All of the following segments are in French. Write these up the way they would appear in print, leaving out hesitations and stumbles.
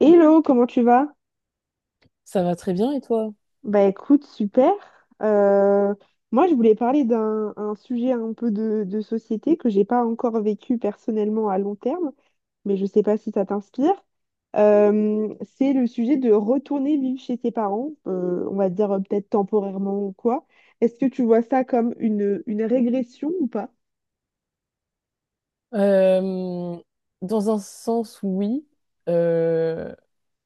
Hello, comment tu vas? Ça va très bien et toi? Bah écoute, super. Euh, moi, je voulais parler d'un un sujet un peu de société que j'ai pas encore vécu personnellement à long terme, mais je sais pas si ça t'inspire. C'est le sujet de retourner vivre chez tes parents, on va dire peut-être temporairement ou quoi. Est-ce que tu vois ça comme une régression ou pas? Euh, Dans un sens, oui. Euh,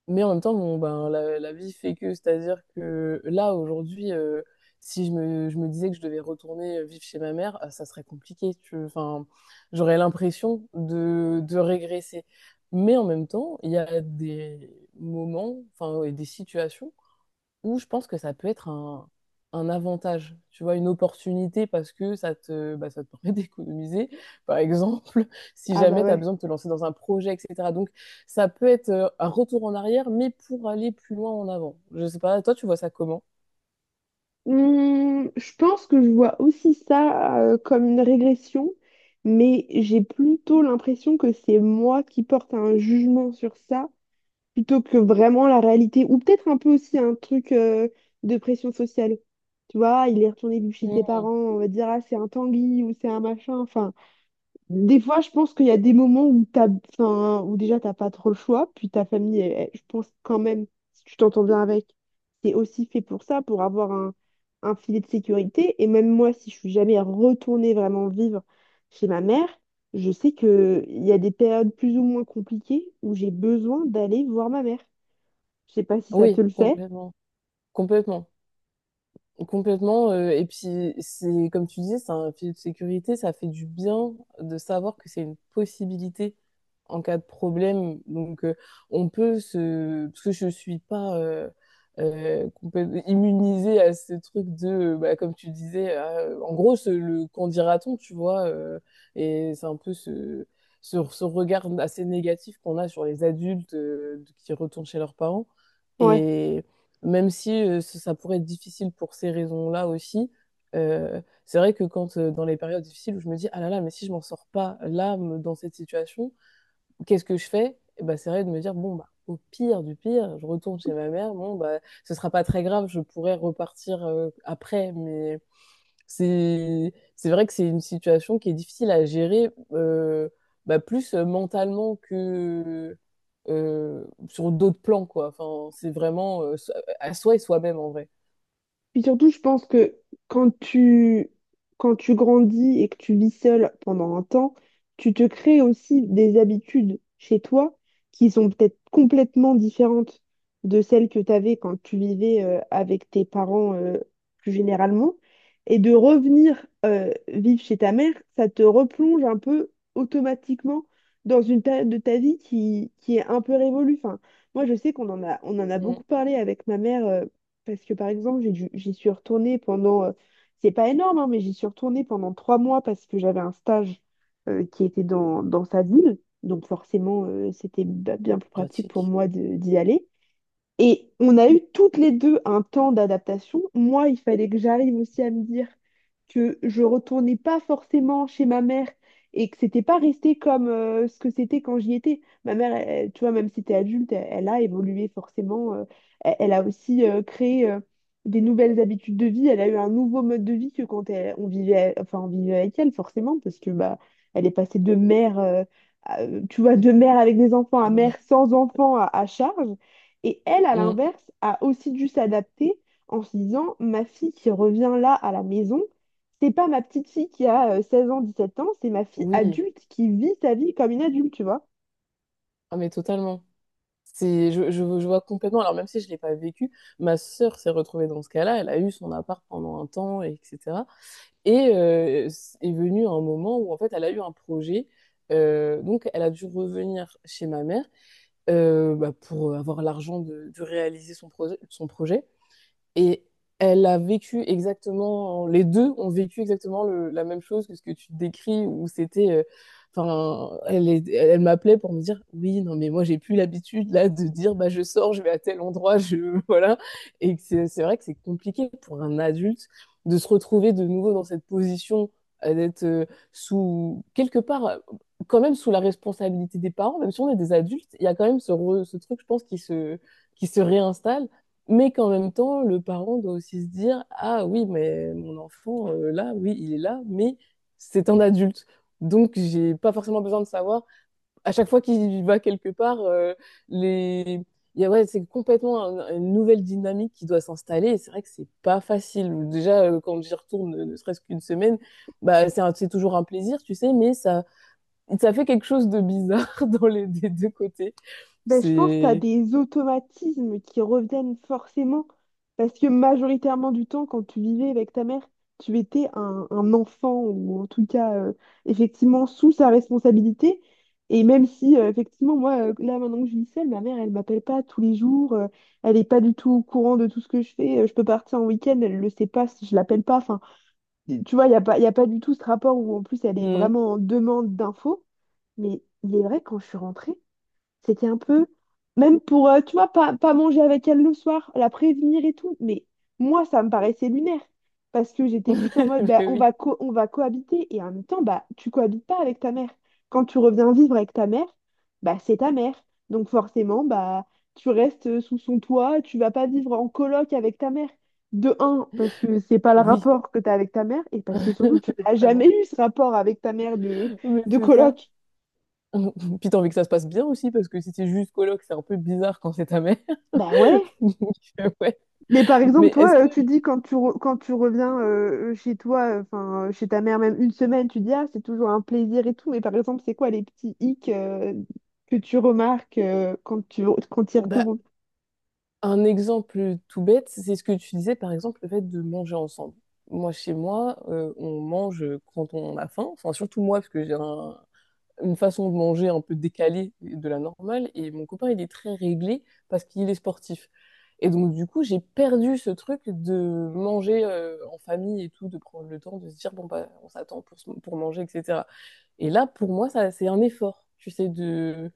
mais en même temps, bon, ben, la vie fait que, c'est-à-dire que là, aujourd'hui, si je me disais que je devais retourner vivre chez ma mère, ah, ça serait compliqué. Enfin, j'aurais l'impression de régresser. Mais en même temps, il y a des moments, enfin, et des situations où je pense que ça peut être un avantage, tu vois, une opportunité parce que ça te permet d'économiser, par exemple, si Ah bah jamais tu as ouais. besoin de te lancer dans un projet, etc. Donc, ça peut être un retour en arrière, mais pour aller plus loin en avant. Je sais pas, toi, tu vois ça comment? Je pense que je vois aussi ça comme une régression, mais j'ai plutôt l'impression que c'est moi qui porte un jugement sur ça, plutôt que vraiment la réalité, ou peut-être un peu aussi un truc de pression sociale. Tu vois, il est retourné vivre chez ses Mm. parents, on va dire, ah, c'est un Tanguy ou c'est un machin, enfin. Des fois, je pense qu'il y a des moments où t'as, enfin, où déjà t'as pas trop le choix, puis ta famille, je pense quand même, si tu t'entends bien avec, c'est aussi fait pour ça, pour avoir un filet de sécurité. Et même moi, si je suis jamais retournée vraiment vivre chez ma mère, je sais que il y a des périodes plus ou moins compliquées où j'ai besoin d'aller voir ma mère. Je sais pas si ça te Oui, le fait. complètement. Complètement. Complètement. Et puis, c'est comme tu disais, c'est un filet de sécurité. Ça fait du bien de savoir que c'est une possibilité en cas de problème. Donc, on peut se... Parce que je suis pas complète- immunisée à ce truc de, bah, comme tu disais, en gros, ce- le qu'en dira-t-on, tu vois. Et c'est un peu ce regard assez négatif qu'on a sur les adultes qui retournent chez leurs parents, Oui, ouais. même si ça ça pourrait être difficile pour ces raisons-là aussi. C'est vrai que quand dans les périodes difficiles où je me dis ah là là, mais si je m'en sors pas là dans cette situation, qu'est-ce que je fais? Et ben, c'est vrai, de me dire bon bah au pire du pire je retourne chez ma mère, bon bah ce sera pas très grave, je pourrais repartir après. Mais c'est vrai que c'est une situation qui est difficile à gérer, bah, plus mentalement que sur d'autres plans, quoi. Enfin, c'est vraiment à soi et soi-même en vrai. Puis surtout, je pense que quand tu, quand tu grandis et que tu vis seul pendant un temps, tu te crées aussi des habitudes chez toi qui sont peut-être complètement différentes de celles que tu avais quand tu vivais avec tes parents plus généralement. Et de revenir vivre chez ta mère, ça te replonge un peu automatiquement dans une période de ta vie qui est un peu révolue. Enfin, moi, je sais qu'on en a Mm. beaucoup parlé avec ma mère. Parce que par exemple, j'y suis retournée pendant, c'est pas énorme, hein, mais j'y suis retournée pendant 3 mois parce que j'avais un stage qui était dans sa ville. Donc forcément, c'était bien plus pratique pour Pratique. moi d'y aller. Et on a eu toutes les deux un temps d'adaptation. Moi, il fallait que j'arrive aussi à me dire que je retournais pas forcément chez ma mère et que c'était pas resté comme ce que c'était quand j'y étais. Ma mère, tu vois, même si t'es adulte, elle, elle a évolué forcément. Elle, elle a aussi créé des nouvelles habitudes de vie. Elle a eu un nouveau mode de vie que quand on vivait, enfin, on vivait avec elle, forcément, parce que bah, elle est passée de mère, tu vois, de mère avec des enfants à Ah bah. mère sans enfants à charge. Et elle, à Mm. l'inverse, a aussi dû s'adapter en se disant, ma fille qui revient là à la maison, c'est pas ma petite fille qui a 16 ans, 17 ans, c'est ma fille Oui, adulte qui vit sa vie comme une adulte, tu vois. ah, mais totalement. C'est, je vois complètement. Alors même si je ne l'ai pas vécu, ma sœur s'est retrouvée dans ce cas-là. Elle a eu son appart pendant un temps, et etc. Et est venu un moment où en fait elle a eu un projet. Donc elle a dû revenir chez ma mère. Bah, pour avoir l'argent de réaliser son projet. Et elle a vécu exactement, les deux ont vécu exactement la même chose que ce que tu décris, où c'était, enfin, elle m'appelait pour me dire, oui, non, mais moi j'ai plus l'habitude là de dire, bah je sors, je vais à tel endroit, je, voilà. Et que c'est vrai que c'est compliqué pour un adulte de se retrouver de nouveau dans cette position, d'être sous, quelque part, quand même sous la responsabilité des parents, même si on est des adultes, il y a quand même ce truc, je pense, qui se réinstalle, mais qu'en même temps, le parent doit aussi se dire, ah oui, mais mon enfant, là, oui, il est là, mais c'est un adulte. Donc, j'ai pas forcément besoin de savoir. À chaque fois qu'il va quelque part, les... ouais, c'est complètement une nouvelle dynamique qui doit s'installer. Et c'est vrai que c'est pas facile. Déjà, quand j'y retourne, ne serait-ce qu'une semaine, bah, c'est toujours un plaisir, tu sais, mais ça fait quelque chose de bizarre dans les des deux côtés. Ben, je pense que tu as C'est. des automatismes qui reviennent forcément parce que majoritairement du temps, quand tu vivais avec ta mère, tu étais un enfant ou en tout cas effectivement sous sa responsabilité. Et même si effectivement, moi, là maintenant que je vis seule, ma mère, elle m'appelle pas tous les jours, elle n'est pas du tout au courant de tout ce que je fais. Je peux partir en week-end, elle le sait pas si je l'appelle pas. Enfin, tu vois, il n'y a pas, y a pas du tout ce rapport où en plus elle est Mm. vraiment en demande d'infos. Mais il est vrai, quand je suis rentrée, c'était un peu, même pour, tu vois, pas manger avec elle le soir, la prévenir et tout. Mais moi, ça me paraissait lunaire. Parce que j'étais plus en mode, bah, Mais on oui, va on va cohabiter. Et en même temps, bah, tu cohabites pas avec ta mère. Quand tu reviens vivre avec ta mère, bah, c'est ta mère. Donc forcément, bah, tu restes sous son toit, tu vas pas vivre en coloc avec ta mère. De un, parce que c'est pas le oui, rapport que tu as avec ta mère, et parce que surtout, tu n'as vraiment. jamais eu ce rapport avec ta mère de, Mais de c'est ça. coloc. Puis t'as envie que ça se passe bien aussi, parce que si c'est juste coloc, c'est un peu bizarre quand c'est ta mère. Bah ouais. Donc, ouais. Mais par exemple, Mais est-ce toi, que, tu dis quand tu reviens chez toi, enfin chez ta mère, même une semaine, tu dis ah, c'est toujours un plaisir et tout. Mais par exemple, c'est quoi les petits hicks que tu remarques quand tu y Bah, retournes? un exemple tout bête, c'est ce que tu disais, par exemple, le fait de manger ensemble. Moi, chez moi, on mange quand on a faim, enfin, surtout moi, parce que j'ai une façon de manger un peu décalée de la normale. Et mon copain, il est très réglé parce qu'il est sportif. Et donc, du coup, j'ai perdu ce truc de manger en famille et tout, de prendre le temps de se dire, bon, bah, on s'attend pour manger, etc. Et là, pour moi, ça, c'est un effort, tu sais,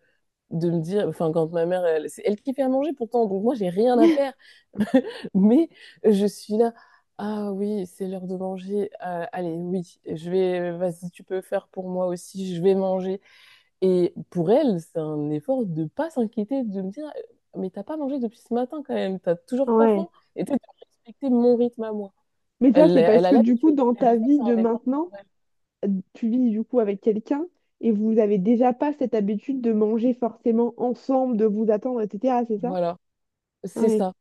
de me dire, enfin, quand c'est elle qui fait à manger pourtant, donc moi, j'ai rien à faire. Mais je suis là. Ah oui, c'est l'heure de manger. Allez, oui, je vais. Vas-y, tu peux faire pour moi aussi. Je vais manger. Et pour elle, c'est un effort de pas s'inquiéter, de me dire, mais t'as pas mangé depuis ce matin quand même, t'as toujours pas faim, Ouais. et tu sais, de respecter mon rythme à moi. Mais ça, Elle, c'est elle parce a que du coup, l'habitude, dans mais je sais ta que vie c'est de un effort maintenant, pour elle. tu vis du coup avec quelqu'un et vous avez déjà pas cette habitude de manger forcément ensemble, de vous attendre, etc. C'est ça? Voilà, c'est Ouais. ça.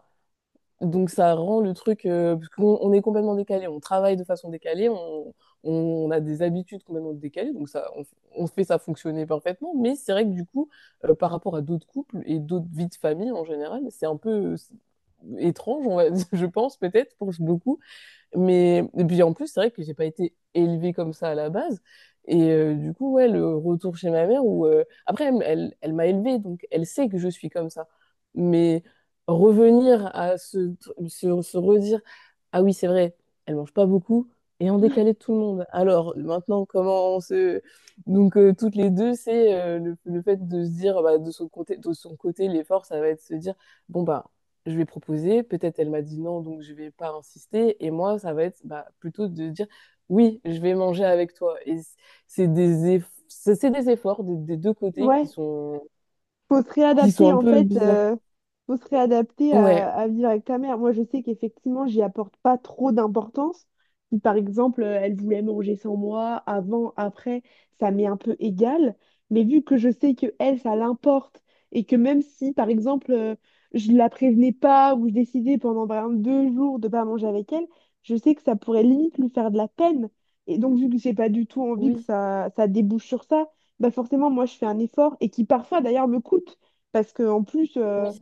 Donc ça rend le truc, parce qu'on est complètement décalé, on travaille de façon décalée, on a des habitudes complètement décalées, donc ça, on fait ça fonctionner parfaitement, mais c'est vrai que du coup, par rapport à d'autres couples et d'autres vies de famille en général, c'est un peu, étrange, on va dire, je pense peut-être pour beaucoup. Mais et puis en plus, c'est vrai que j'ai pas été élevée comme ça à la base. Et du coup, ouais, le retour chez ma mère où après elle m'a élevée, donc elle sait que je suis comme ça. Mais revenir à se redire, ah oui, c'est vrai, elle mange pas beaucoup et en décalé de tout le monde. Alors maintenant, comment on se... donc toutes les deux, c'est le fait de se dire bah, de son côté, l'effort, ça va être de se dire bon bah je lui ai proposé, peut-être elle m'a dit non, donc je vais pas insister. Et moi, ça va être bah, plutôt de dire oui, je vais manger avec toi. Et c'est des, eff c'est des efforts des deux côtés Ouais. Faut se qui sont réadapter un en peu fait, bizarres. Faut se réadapter Ouais, à vivre avec ta mère. Moi, je sais qu'effectivement, j'y apporte pas trop d'importance. Si, par exemple, elle voulait manger sans moi, avant, après, ça m'est un peu égal. Mais vu que je sais que elle, ça l'importe, et que même si, par exemple, je la prévenais pas ou je décidais pendant par exemple, 2 jours de pas manger avec elle, je sais que ça pourrait limite lui faire de la peine. Et donc, vu que j'ai pas du tout envie que oui, ça débouche sur ça, bah forcément, moi, je fais un effort et qui parfois, d'ailleurs, me coûte. Parce qu'en plus, euh, oui.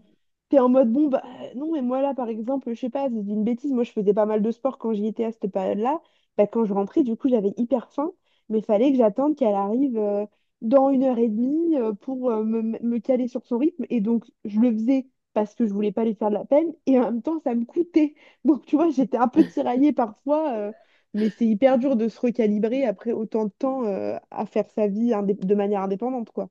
T'es en mode, bon, bah, non, mais moi, là, par exemple, je sais pas, je dis une bêtise, moi, je faisais pas mal de sport quand j'y étais à cette période-là. Bah, quand je rentrais, du coup, j'avais hyper faim, mais fallait que j'attende qu'elle arrive dans une heure et demie pour me caler sur son rythme. Et donc, je le faisais parce que je voulais pas lui faire de la peine, et en même temps, ça me coûtait. Donc, tu vois, j'étais un peu tiraillée parfois, mais c'est hyper dur de se recalibrer après autant de temps à faire sa vie de manière indépendante, quoi.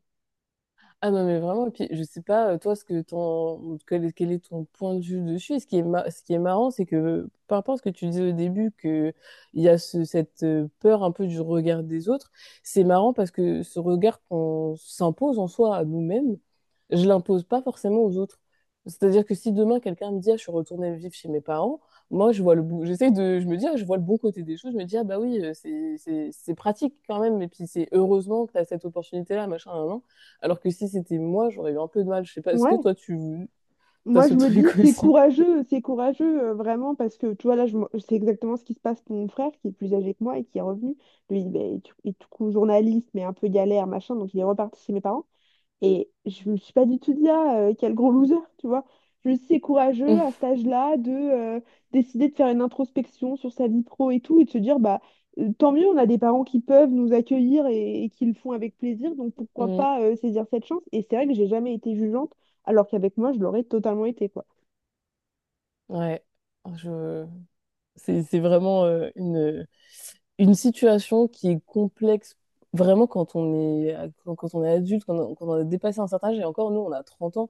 Ah non, mais vraiment, et puis je sais pas, toi, ce que ton, quel est ton point de vue dessus? Et ce qui est, ce qui est marrant, c'est que par rapport à ce que tu disais au début, que il y a cette peur un peu du regard des autres, c'est marrant parce que ce regard qu'on s'impose en soi à nous-mêmes, je l'impose pas forcément aux autres. C'est-à-dire que si demain quelqu'un me dit, ah, je suis retournée vivre chez mes parents, moi, je vois le bon, j'essaie de, je me dis, ah, je vois le bon côté des choses, je me dis, ah bah oui, c'est pratique quand même, et puis c'est heureusement que tu as cette opportunité-là, machin, nan, nan. Alors que si c'était moi, j'aurais eu un peu de mal. Je sais pas, est-ce que Ouais, toi, tu as moi, ce je me truc dis, aussi? C'est courageux, vraiment, parce que, tu vois, là, je exactement ce qui se passe pour mon frère, qui est plus âgé que moi et qui est revenu. Lui, il est tout coup journaliste, mais un peu galère, machin, donc il est reparti chez mes parents. Et je me suis pas du tout dit, ah, quel gros loser, tu vois. Je me suis dit, c'est courageux à cet âge-là de décider de faire une introspection sur sa vie pro et tout, et de se dire, bah, tant mieux, on a des parents qui peuvent nous accueillir et qui le font avec plaisir, donc pourquoi Mm. pas saisir cette chance. Et c'est vrai que j'ai jamais été jugeante, alors qu'avec moi, je l'aurais totalement été, quoi. Ouais, je... C'est vraiment une situation qui est complexe vraiment quand on est, quand on est adulte, quand on a dépassé un certain âge, et encore nous, on a 30 ans,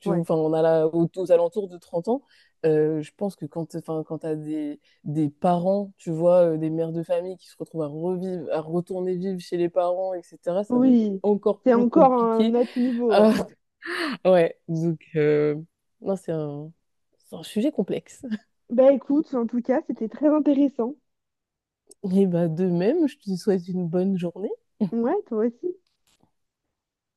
Ouais. enfin, on a là, aux alentours de 30 ans, je pense que enfin, quand tu as des parents, tu vois, des mères de famille qui se retrouvent à revivre, à retourner vivre chez les parents, etc., ça doit être Oui, encore c'est plus encore compliqué. un autre niveau, Ah, ouais. ouais, donc, non, c'est c'est un sujet complexe. Bah écoute, en tout cas, c'était très intéressant. Et bah, de même, je te souhaite une bonne journée. Ouais, toi aussi.